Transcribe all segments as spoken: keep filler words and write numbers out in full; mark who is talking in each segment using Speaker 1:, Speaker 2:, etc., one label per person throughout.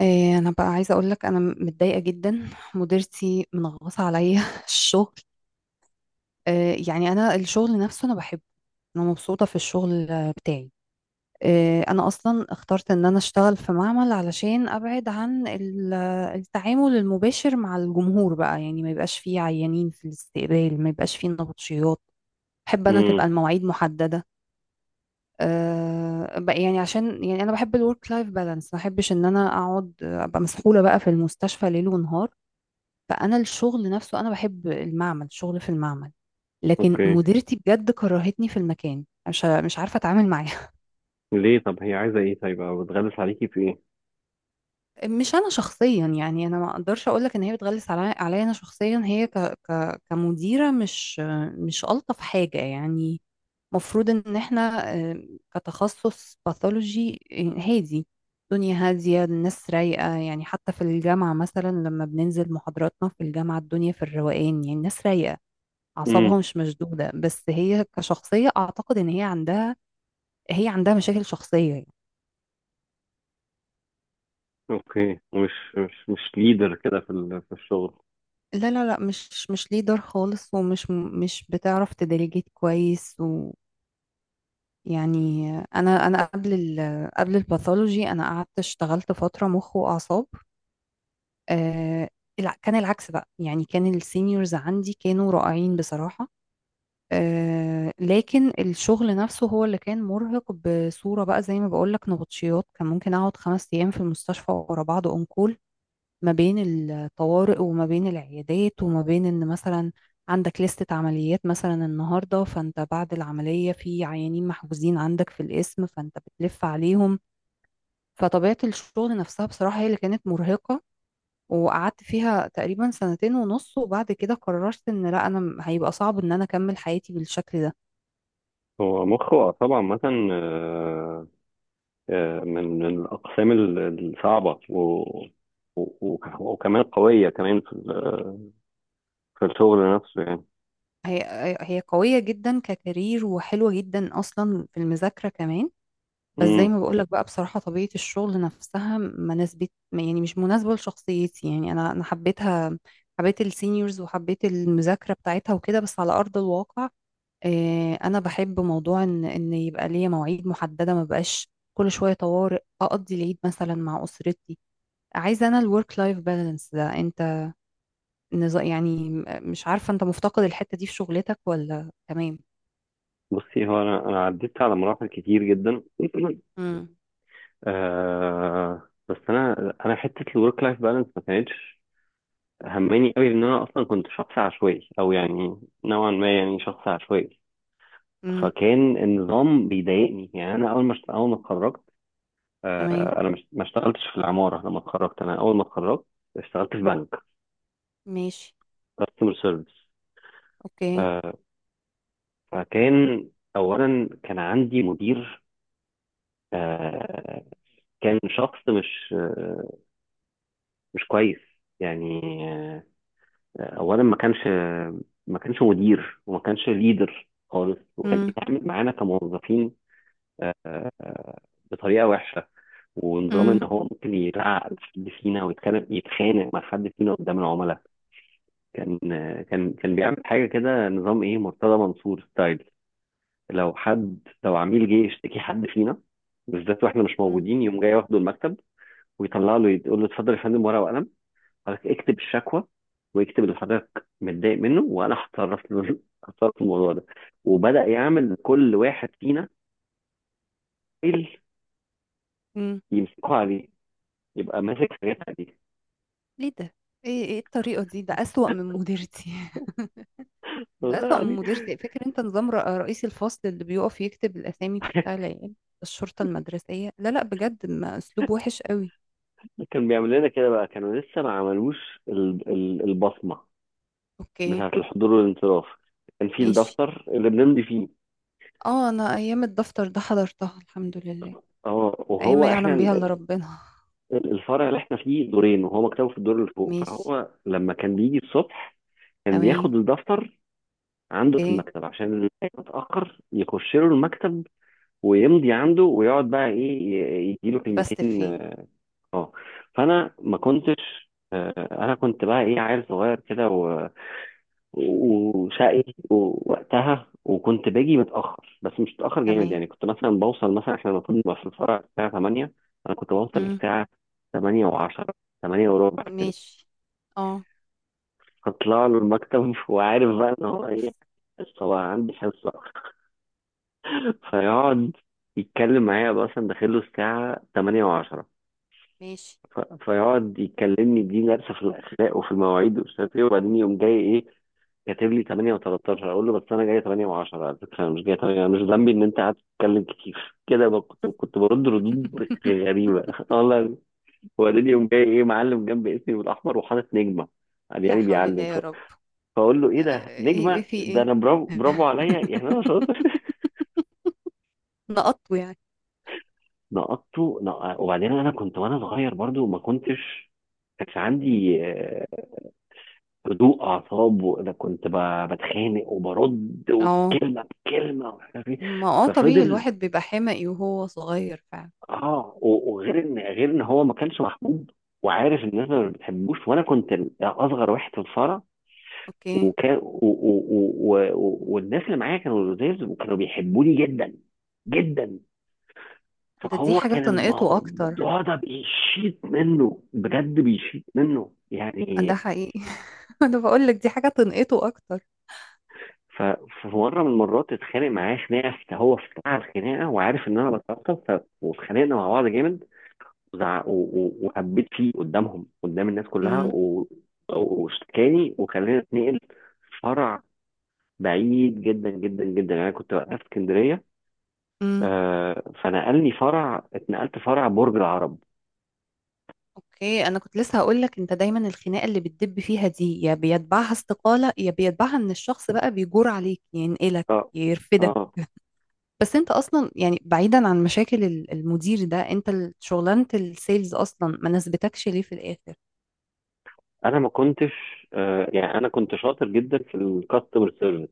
Speaker 1: إيه، انا بقى عايزه اقول لك انا متضايقه جدا. مديرتي منغصه عليا الشغل. إيه، يعني انا الشغل نفسه انا بحبه. انا مبسوطه في الشغل بتاعي. إيه، انا اصلا اخترت ان انا اشتغل في معمل علشان ابعد عن ال- التعامل المباشر مع الجمهور، بقى يعني ما يبقاش فيه عيانين في الاستقبال، ما يبقاش فيه نبطشيات. بحب انا
Speaker 2: امم
Speaker 1: تبقى المواعيد محدده. أه بقى، يعني عشان يعني انا بحب الورك لايف بالانس، ما بحبش ان انا اقعد ابقى مسحوله بقى في المستشفى ليل ونهار. فانا الشغل نفسه انا بحب المعمل، شغل في المعمل. لكن
Speaker 2: اوكي،
Speaker 1: مديرتي بجد كرهتني في المكان، مش مش عارفه اتعامل معاها.
Speaker 2: ليه طب هي عايزه ايه؟ طيب او بتغلس عليكي في ايه؟
Speaker 1: مش انا شخصيا، يعني انا ما اقدرش اقول لك ان هي بتغلس علي عليا، انا شخصيا هي ك ك كمديره مش مش الطف حاجه يعني. مفروض ان احنا آه، كتخصص باثولوجي هادي، الدنيا هاديه، الناس رايقه. يعني حتى في الجامعه مثلا لما بننزل محاضراتنا في الجامعه، الدنيا في الروقان، يعني الناس رايقه،
Speaker 2: امم
Speaker 1: اعصابها مش مشدودة. بس هي كشخصية، اعتقد ان هي عندها هي عندها مشاكل شخصية يعني.
Speaker 2: اوكي، مش مش مش ليدر كده في ال- في الشغل.
Speaker 1: لا لا لا، مش مش ليدر خالص، ومش مش بتعرف تديليجيت كويس. ويعني انا انا قبل ال قبل الباثولوجي، انا قعدت اشتغلت فترة مخ واعصاب. آه الع- كان العكس بقى، يعني كان السينيورز عندي كانوا رائعين بصراحة. آه لكن الشغل نفسه هو اللي كان مرهق بصورة بقى، زي ما بقولك نبطشيات، كان ممكن أقعد خمس أيام في المستشفى ورا بعض أنكول. ما بين الطوارئ وما بين العيادات، وما بين إن مثلا عندك لستة عمليات مثلا النهاردة، فأنت بعد العملية في عيانين محجوزين عندك في القسم، فأنت بتلف عليهم. فطبيعة الشغل نفسها بصراحة هي اللي كانت مرهقة. وقعدت فيها تقريبا سنتين ونص، وبعد كده قررت ان لا، انا هيبقى صعب ان انا اكمل حياتي بالشكل ده.
Speaker 2: هو مخه طبعا مثلا، آه، آه، من من الاقسام ال- الصعبه و و- وك- وكمان قويه كمان في ال- في الشغل نفسه يعني.
Speaker 1: هي هي قوية جدا ككارير، وحلوة جدا أصلا في المذاكرة كمان. بس زي
Speaker 2: امم
Speaker 1: ما بقولك بقى بصراحة، طبيعة الشغل نفسها ما نسبت، يعني مش مناسبة لشخصيتي. يعني أنا أنا حبيتها، حبيت السينيورز وحبيت المذاكرة بتاعتها وكده. بس على أرض الواقع، آه، أنا بحب موضوع إن إن يبقى ليا مواعيد محددة، ما بقاش كل شوية طوارئ، أقضي العيد مثلا مع أسرتي. عايزة أنا الورك لايف بالانس ده. أنت نظا- يعني مش عارفة أنت مفتقد الحتة دي في شغلتك ولا تمام؟
Speaker 2: بصي، هو انا انا عديت على مراحل كتير جدا
Speaker 1: امم.
Speaker 2: آه بس انا انا حته الورك لايف بالانس ما كانتش همني قوي، ان انا اصلا كنت شخص عشوائي او يعني نوعا ما يعني شخص عشوائي.
Speaker 1: امم.
Speaker 2: فكان النظام بيضايقني، يعني انا اول ما اشت- اول ما اتخرجت، آه،
Speaker 1: تمام.
Speaker 2: انا مش، ما اشتغلتش في العماره لما اتخرجت. انا اول ما اتخرجت اشتغلت في بنك
Speaker 1: ماشي.
Speaker 2: كاستمر سيرفيس.
Speaker 1: اوكي.
Speaker 2: فكان اولا كان عندي مدير، آه، كان شخص مش، آه، مش كويس يعني. آه، اولا ما كانش ما كانش مدير، وما كانش ليدر خالص، وكان
Speaker 1: امم.
Speaker 2: بيتعامل معانا كموظفين، آه، بطريقه وحشه. ونظام ان
Speaker 1: امم.
Speaker 2: هو ممكن يزعق لحد فينا ويتكلم، يتخانق مع حد فينا قدام العملاء. كان، آه، كان كان بيعمل حاجه كده، نظام ايه، مرتضى منصور ستايل. لو حد، لو عميل جه يشتكي حد فينا بالذات واحنا مش
Speaker 1: امم.
Speaker 2: موجودين، يقوم جاي واخده المكتب ويطلع له، يقول له اتفضل يا فندم ورقه وقلم، حضرتك اكتب الشكوى، واكتب اللي حضرتك متضايق منه وانا هتصرف له هتصرف في الموضوع ده. وبدأ يعمل كل واحد فينا فايل
Speaker 1: امم.
Speaker 2: يمسكه عليه، يبقى ماسك حاجات عليه.
Speaker 1: ليه ده؟ ايه ايه الطريقه دي؟ ده اسوأ من مديرتي. ده
Speaker 2: والله
Speaker 1: اسوأ من
Speaker 2: يعني.
Speaker 1: مديرتي. فاكر انت نظام رئ- رئيس الفصل اللي بيقف يكتب الاسامي بتاع العيال؟ الشرطه المدرسيه. لا لا، بجد ما اسلوب وحش قوي.
Speaker 2: كان بيعمل لنا كده بقى. كانوا لسه ما عملوش ال- ال- البصمة
Speaker 1: اوكي.
Speaker 2: بتاعة الحضور والانصراف، كان في
Speaker 1: ماشي.
Speaker 2: الدفتر اللي بنمضي فيه.
Speaker 1: اه، انا ايام الدفتر ده حضرتها الحمد لله،
Speaker 2: اه،
Speaker 1: ايام
Speaker 2: وهو
Speaker 1: ما
Speaker 2: احنا
Speaker 1: يعلم بيها الا
Speaker 2: ال-
Speaker 1: ربنا.
Speaker 2: الفرع اللي احنا فيه دورين، وهو مكتبه في الدور اللي فوق،
Speaker 1: ماشي.
Speaker 2: فهو لما كان بيجي الصبح كان
Speaker 1: تمام.
Speaker 2: بياخد الدفتر عنده في
Speaker 1: اوكي.
Speaker 2: المكتب، عشان اللي اتأخر يخش له المكتب ويمضي عنده، ويقعد بقى ايه ي- يديله
Speaker 1: بس
Speaker 2: كلمتين.
Speaker 1: فيه.
Speaker 2: اه. آه. فانا ما كنتش، آه، انا كنت بقى ايه، عيل صغير كده وشقي. ووقتها وكنت باجي متأخر، بس مش متأخر جامد
Speaker 1: تمام.
Speaker 2: يعني. كنت مثلا بوصل مثلا، احنا المفروض نبقى في الفرع الساعة تمانية، انا كنت بوصل
Speaker 1: امم.
Speaker 2: الساعة ثمانية و10، تمانية وربع كده.
Speaker 1: ماشي. اه.
Speaker 2: اطلع له المكتب وعارف بقى ان هو ايه، هو عندي حصة. فيقعد يتكلم معايا بقى، مثلا داخل له الساعة تمانية و10،
Speaker 1: ماشي.
Speaker 2: فيقعد يكلمني دي درس في الأخلاق وفي المواعيد ومش عارف ايه، وبعدين يقوم جاي ايه، كاتب لي الثامنة و13. اقول له بس انا جاي تمانية و10 على فكره، انا مش جاي تمانية، انا مش ذنبي ان انت قعدت تتكلم كتير. كده بقى، كنت كنت برد ردود غريبه والله. وبعدين يوم جاي ايه، معلم جنب اسمي بالاحمر وحاطط نجمه، قال
Speaker 1: لا
Speaker 2: يعني
Speaker 1: حول الله
Speaker 2: بيعلم ف...
Speaker 1: يا رب.
Speaker 2: فاقول له
Speaker 1: آه،
Speaker 2: ايه ده،
Speaker 1: ايه؟ إيه
Speaker 2: نجمه
Speaker 1: في
Speaker 2: ده؟
Speaker 1: ايه؟
Speaker 2: انا برافو، برافو عليا يعني انا شاطر.
Speaker 1: نقطه يعني؟
Speaker 2: نقطته نق... وبعدين انا كنت وانا صغير برضو ما كنتش، كانش عندي، آه، هدوء اعصاب. وانا كنت ب- بتخانق وبرد،
Speaker 1: اه.
Speaker 2: والكلمه بكلمه ومش عارف ايه.
Speaker 1: ما اه، طبيعي
Speaker 2: ففضل،
Speaker 1: الواحد بيبقى حمقي وهو صغير فعلا.
Speaker 2: اه، و- وغير ان غير ان هو ما كانش محبوب، وعارف ان الناس ما بتحبوش. وانا كنت اصغر واحد في الفرع،
Speaker 1: اوكي.
Speaker 2: وكان و... و... و... و... والناس اللي معايا كانوا لزاز وكانوا بيحبوني جدا جدا.
Speaker 1: ده دي
Speaker 2: فهو
Speaker 1: حاجة
Speaker 2: كان
Speaker 1: تنقطه اكتر.
Speaker 2: الموضوع ده بيشيط منه بجد، بيشيط منه
Speaker 1: ده
Speaker 2: يعني.
Speaker 1: حقيقي. انا بقول لك دي حاجة تنقطه اكتر.
Speaker 2: ف- ففي مره من المرات اتخانق معاه خناقه، فت- هو في بتاع الخناقه وعارف ان انا بتعصب، ف- واتخانقنا مع بعض جامد. وزع- و- و- وهبيت فيه قدامهم، قدام الناس كلها،
Speaker 1: امم.
Speaker 2: و، واشتكاني وخلاني اتنقل فرع بعيد جدا جدا جدا. يعني انا كنت وقتها في اسكندريه،
Speaker 1: امم.
Speaker 2: آه فنقلني فرع، اتنقلت فرع برج العرب.
Speaker 1: اوكي، انا كنت لسه هقول لك، انت دايما الخناقة اللي بتدب فيها دي يا بيتبعها استقالة، يا بيتبعها ان الشخص بقى بيجور عليك ينقلك
Speaker 2: اه.
Speaker 1: يرفدك.
Speaker 2: اه،
Speaker 1: بس انت اصلا، يعني بعيدا عن مشاكل ال- المدير ده، انت ال- شغلانه السيلز اصلا ما ناسبتكش ليه في الاخر؟
Speaker 2: انا ما كنتش، آه يعني انا كنت شاطر جدا في الكاستمر سيرفيس،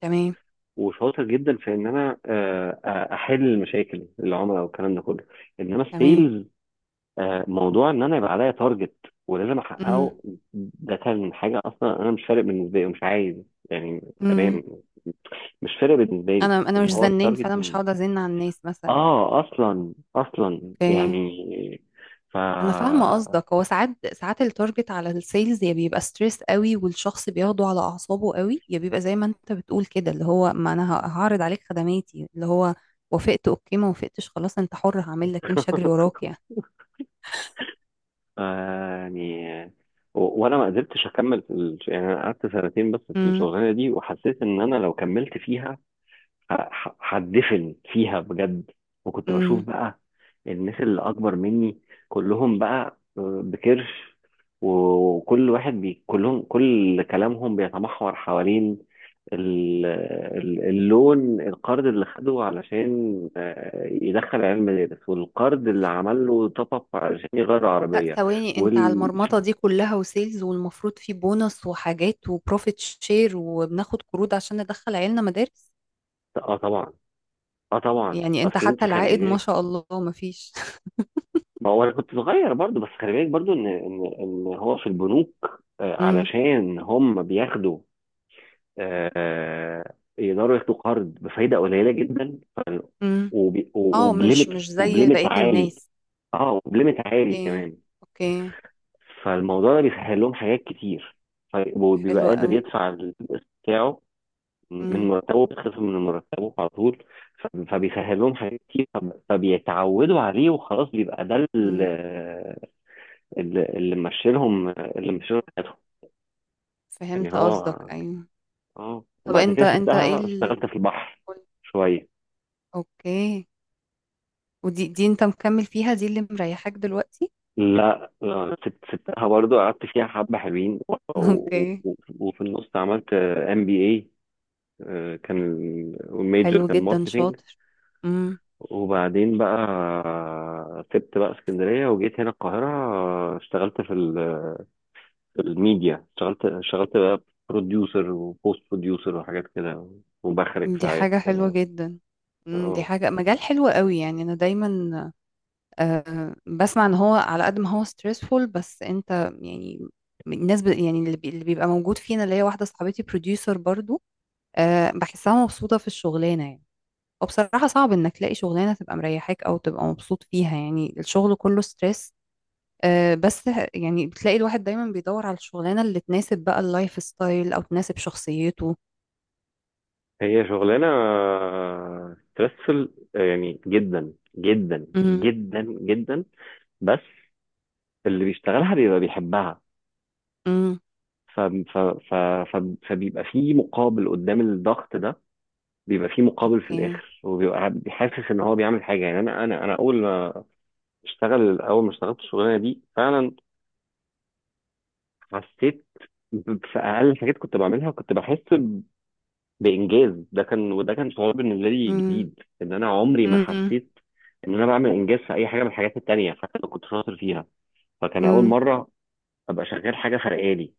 Speaker 1: تمام.
Speaker 2: وشاطر جدا في ان انا، آه آه، احل المشاكل العملاء والكلام ده كله. انما
Speaker 1: تمام.
Speaker 2: السيلز، آه، موضوع ان انا يبقى عليا تارجت ولازم
Speaker 1: امم.
Speaker 2: احققه، ده كان حاجه اصلا انا مش فارق بالنسبه لي ومش عايز يعني. تمام،
Speaker 1: امم.
Speaker 2: مش فارق بالنسبه لي،
Speaker 1: انا انا مش
Speaker 2: اللي هو
Speaker 1: زنين،
Speaker 2: التارجت
Speaker 1: فانا مش
Speaker 2: مين.
Speaker 1: هقعد ازن على الناس مثلا.
Speaker 2: اه اصلا، اصلا
Speaker 1: اوكي.
Speaker 2: يعني. ف
Speaker 1: انا فاهمه قصدك، هو ساعات ساعات التارجت على السيلز يا بيبقى ستريس قوي والشخص بياخده على اعصابه قوي، يا بيبقى زي ما انت بتقول كده، اللي هو ما انا ه- هعرض عليك خدماتي، اللي هو وافقت اوكي، ما وافقتش خلاص انت حر، هعمل لك ايه، مش هجري وراك يعني.
Speaker 2: ف- يعني و- وانا ما قدرتش اكمل في ال... يعني انا قعدت سنتين بس في
Speaker 1: امم.
Speaker 2: الشغلانه دي، وحسيت ان انا لو كملت فيها ه- هتدفن فيها بجد. وكنت بشوف
Speaker 1: امم.
Speaker 2: بقى الناس اللي اكبر مني كلهم بقى، آه، بكرش، وكل واحد بي، كلهم كل كلامهم بيتمحور حوالين ال- ال- اللون، القرض اللي خده علشان، آه، يدخل عيال مدارس، والقرض اللي عمل له توب اب علشان يغير
Speaker 1: لا
Speaker 2: عربية.
Speaker 1: ثواني، انت على
Speaker 2: وال،
Speaker 1: المرمطة دي كلها وسيلز، والمفروض في بونص وحاجات وبروفيت شير، وبناخد قروض عشان ندخل عيالنا مدارس؟
Speaker 2: اه طبعا. اه طبعا،
Speaker 1: يعني انت
Speaker 2: اصل انت
Speaker 1: حتى
Speaker 2: خلي
Speaker 1: العائد ما
Speaker 2: بالك،
Speaker 1: شاء الله مفيش.
Speaker 2: ما هو انا كنت صغير برضو، بس خلي بالك برضو ان ان ان هو في البنوك، آه،
Speaker 1: امم.
Speaker 2: علشان هم بياخدوا، آه، يقدروا ياخدوا قرض بفايده قليله جدا. ف-
Speaker 1: امم.
Speaker 2: وب-
Speaker 1: اه، مش
Speaker 2: وبليمت،
Speaker 1: مش زي
Speaker 2: وبليمت
Speaker 1: بقية
Speaker 2: عالي.
Speaker 1: الناس.
Speaker 2: اه وبليمت عالي
Speaker 1: اوكي.
Speaker 2: كمان.
Speaker 1: اوكي.
Speaker 2: فالموضوع ده بيسهل لهم حاجات كتير، ف- وبيبقى
Speaker 1: حلو
Speaker 2: قادر
Speaker 1: قوي.
Speaker 2: يدفع القسط بتاعه، من
Speaker 1: امم.
Speaker 2: مرتبه بيتخصم من مرتبه على طول. ف- فبيسهل لهم حاجات كتير، فب- فبيتعودوا عليه وخلاص، بيبقى ده
Speaker 1: امم.
Speaker 2: اللي، اللي مشيلهم اللي مشيلهم حياتهم يعني.
Speaker 1: فهمت قصدك
Speaker 2: هو
Speaker 1: ايوه.
Speaker 2: اه،
Speaker 1: طب
Speaker 2: وبعد
Speaker 1: انت
Speaker 2: كده
Speaker 1: انت ايه
Speaker 2: سبتها اشتغلت
Speaker 1: ال...؟
Speaker 2: في البحر شوية.
Speaker 1: اوكي. ودي دي انت مكمل فيها دي اللي مريحاك دلوقتي؟
Speaker 2: لا لا، سبت، سبتها برضو، قعدت فيها حبة حلوين و- و-
Speaker 1: اوكي.
Speaker 2: و- وفي النص عملت ام بي اي. كان الميجر
Speaker 1: حلو
Speaker 2: كان
Speaker 1: جدا،
Speaker 2: ماركتينج.
Speaker 1: شاطر. إمم.
Speaker 2: وبعدين بقى سبت بقى اسكندرية وجيت هنا القاهرة، آه، اشتغلت في ال- في الميديا. اشتغلت اشتغلت بقى بروديوسر وبوست بروديوسر وحاجات كده، وبخرج
Speaker 1: دي
Speaker 2: ساعات
Speaker 1: حاجة حلوة
Speaker 2: كده.
Speaker 1: جدا. مم، دي
Speaker 2: آه.
Speaker 1: حاجة مجال حلو قوي. يعني أنا دايما آه، بسمع إن هو على قد ما هو stressful، بس أنت يعني الناس ب... يعني اللي, بي... اللي بيبقى موجود فينا، اللي هي واحدة صاحبتي producer برضو، آه، بحسها مبسوطة في الشغلانة يعني. وبصراحة صعب إنك تلاقي شغلانة تبقى مريحاك أو تبقى مبسوط فيها، يعني الشغل كله stress. آه، بس يعني بتلاقي الواحد دايما بيدور على الشغلانة اللي تناسب بقى اللايف ستايل، أو تناسب شخصيته.
Speaker 2: هي شغلانة ستريسفل يعني، جدا جدا
Speaker 1: امم.
Speaker 2: جدا جدا. بس اللي بيشتغلها بيبقى بيحبها.
Speaker 1: امم.
Speaker 2: ف... ف... ف... ف... فبيبقى في مقابل قدام الضغط ده، بيبقى في مقابل في
Speaker 1: اوكي.
Speaker 2: الآخر، وبيبقى حاسس إن هو بيعمل حاجة. يعني أنا أنا أنا أول ما اشتغل أول ما اشتغلت الشغلانة دي فعلا حسيت ب- في أقل حاجات كنت بعملها كنت بحس بانجاز. ده كان، وده كان شعور بالنسبه لي
Speaker 1: مم.
Speaker 2: جديد، ان انا عمري ما
Speaker 1: امم.
Speaker 2: حسيت ان انا بعمل انجاز في اي حاجه من الحاجات التانيه حتى لو كنت شاطر فيها. فكان اول
Speaker 1: امم.
Speaker 2: مره ابقى شغال حاجه فرقالي.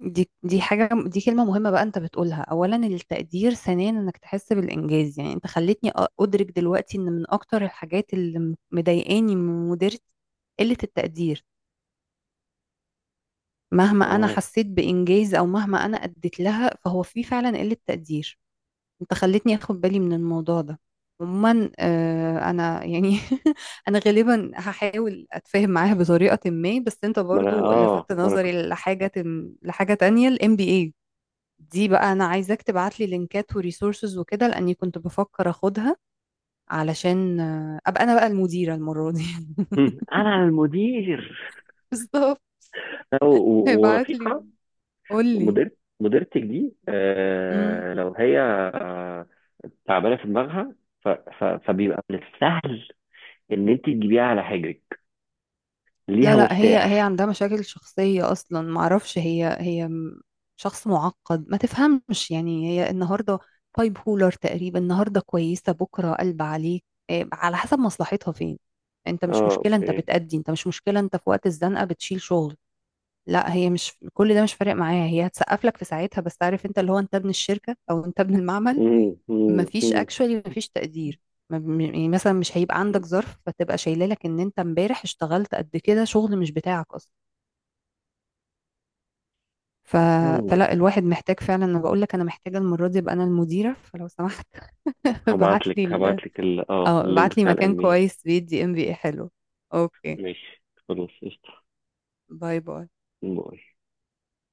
Speaker 1: دي دي حاجة، دي كلمة مهمة بقى انت بتقولها، اولا التقدير، ثانيا انك تحس بالانجاز. يعني انت خلتني أ- ادرك دلوقتي ان من اكتر الحاجات اللي م- مضايقاني من مديرتي قلة التقدير. مهما انا
Speaker 2: اه،
Speaker 1: حسيت بانجاز، او مهما انا اديت لها، فهو في فعلا قلة تقدير. انت خلتني اخد بالي من الموضوع ده. عموما آه، انا يعني انا غالبا هحاول اتفاهم معاها بطريقة ما، بس انت
Speaker 2: ما انا
Speaker 1: برضو
Speaker 2: اه
Speaker 1: لفتت
Speaker 2: ما انا كنت
Speaker 1: نظري لحاجة، لحاجة تانية، ال M B A دي بقى انا عايزاك تبعت لي لينكات وريسورسز وكده، لاني كنت بفكر اخدها علشان آه، ابقى انا بقى المديرة المرة دي.
Speaker 2: انا المدير
Speaker 1: بالظبط.
Speaker 2: و- و-
Speaker 1: ابعت لي،
Speaker 2: ورفيقه.
Speaker 1: قول لي.
Speaker 2: مدير مديرتك دي،
Speaker 1: امم.
Speaker 2: آه، لو هي آه تعبانه في دماغها، ف- ف- فبيبقى من السهل ان انت تجيبيها على حجرك،
Speaker 1: لا
Speaker 2: ليها
Speaker 1: لا، هي هي
Speaker 2: مفتاح.
Speaker 1: عندها مشاكل شخصية اصلا، معرفش، هي هي م- شخص معقد ما تفهمش، يعني هي النهاردة بايب هولر تقريبا، النهاردة كويسة، بكرة قلب عليك. إيه، على حسب مصلحتها فين. انت مش
Speaker 2: اه.
Speaker 1: مشكلة، انت
Speaker 2: اوكي.
Speaker 1: بتأدي، انت مش مشكلة، انت في وقت الزنقة بتشيل شغل. لا هي مش كل ده مش فارق معايا، هي هتسقف لك في ساعتها، بس عارف انت اللي هو انت ابن الشركه او انت ابن المعمل.
Speaker 2: مم، مم،
Speaker 1: مفيش
Speaker 2: مم.
Speaker 1: اكشولي، مفيش تقدير. ما- م- يعني مثلا مش هيبقى عندك ظرف فتبقى شايله لك ان انت امبارح اشتغلت قد كده شغل مش بتاعك اصلا. ف...
Speaker 2: يلا،
Speaker 1: فلا الواحد محتاج فعلا، انا بقول لك انا محتاجه المره دي ابقى انا المديره، فلو سمحت ابعت
Speaker 2: هبعت لك
Speaker 1: لي
Speaker 2: هبعت
Speaker 1: ال...
Speaker 2: لك ال... اه
Speaker 1: اه
Speaker 2: اللينك
Speaker 1: ابعت لي
Speaker 2: بتاع
Speaker 1: مكان
Speaker 2: الأمين.
Speaker 1: كويس بيدي ام بي اي حلو. اوكي.
Speaker 2: ماشي خلاص قشطة.
Speaker 1: باي باي.
Speaker 2: باي.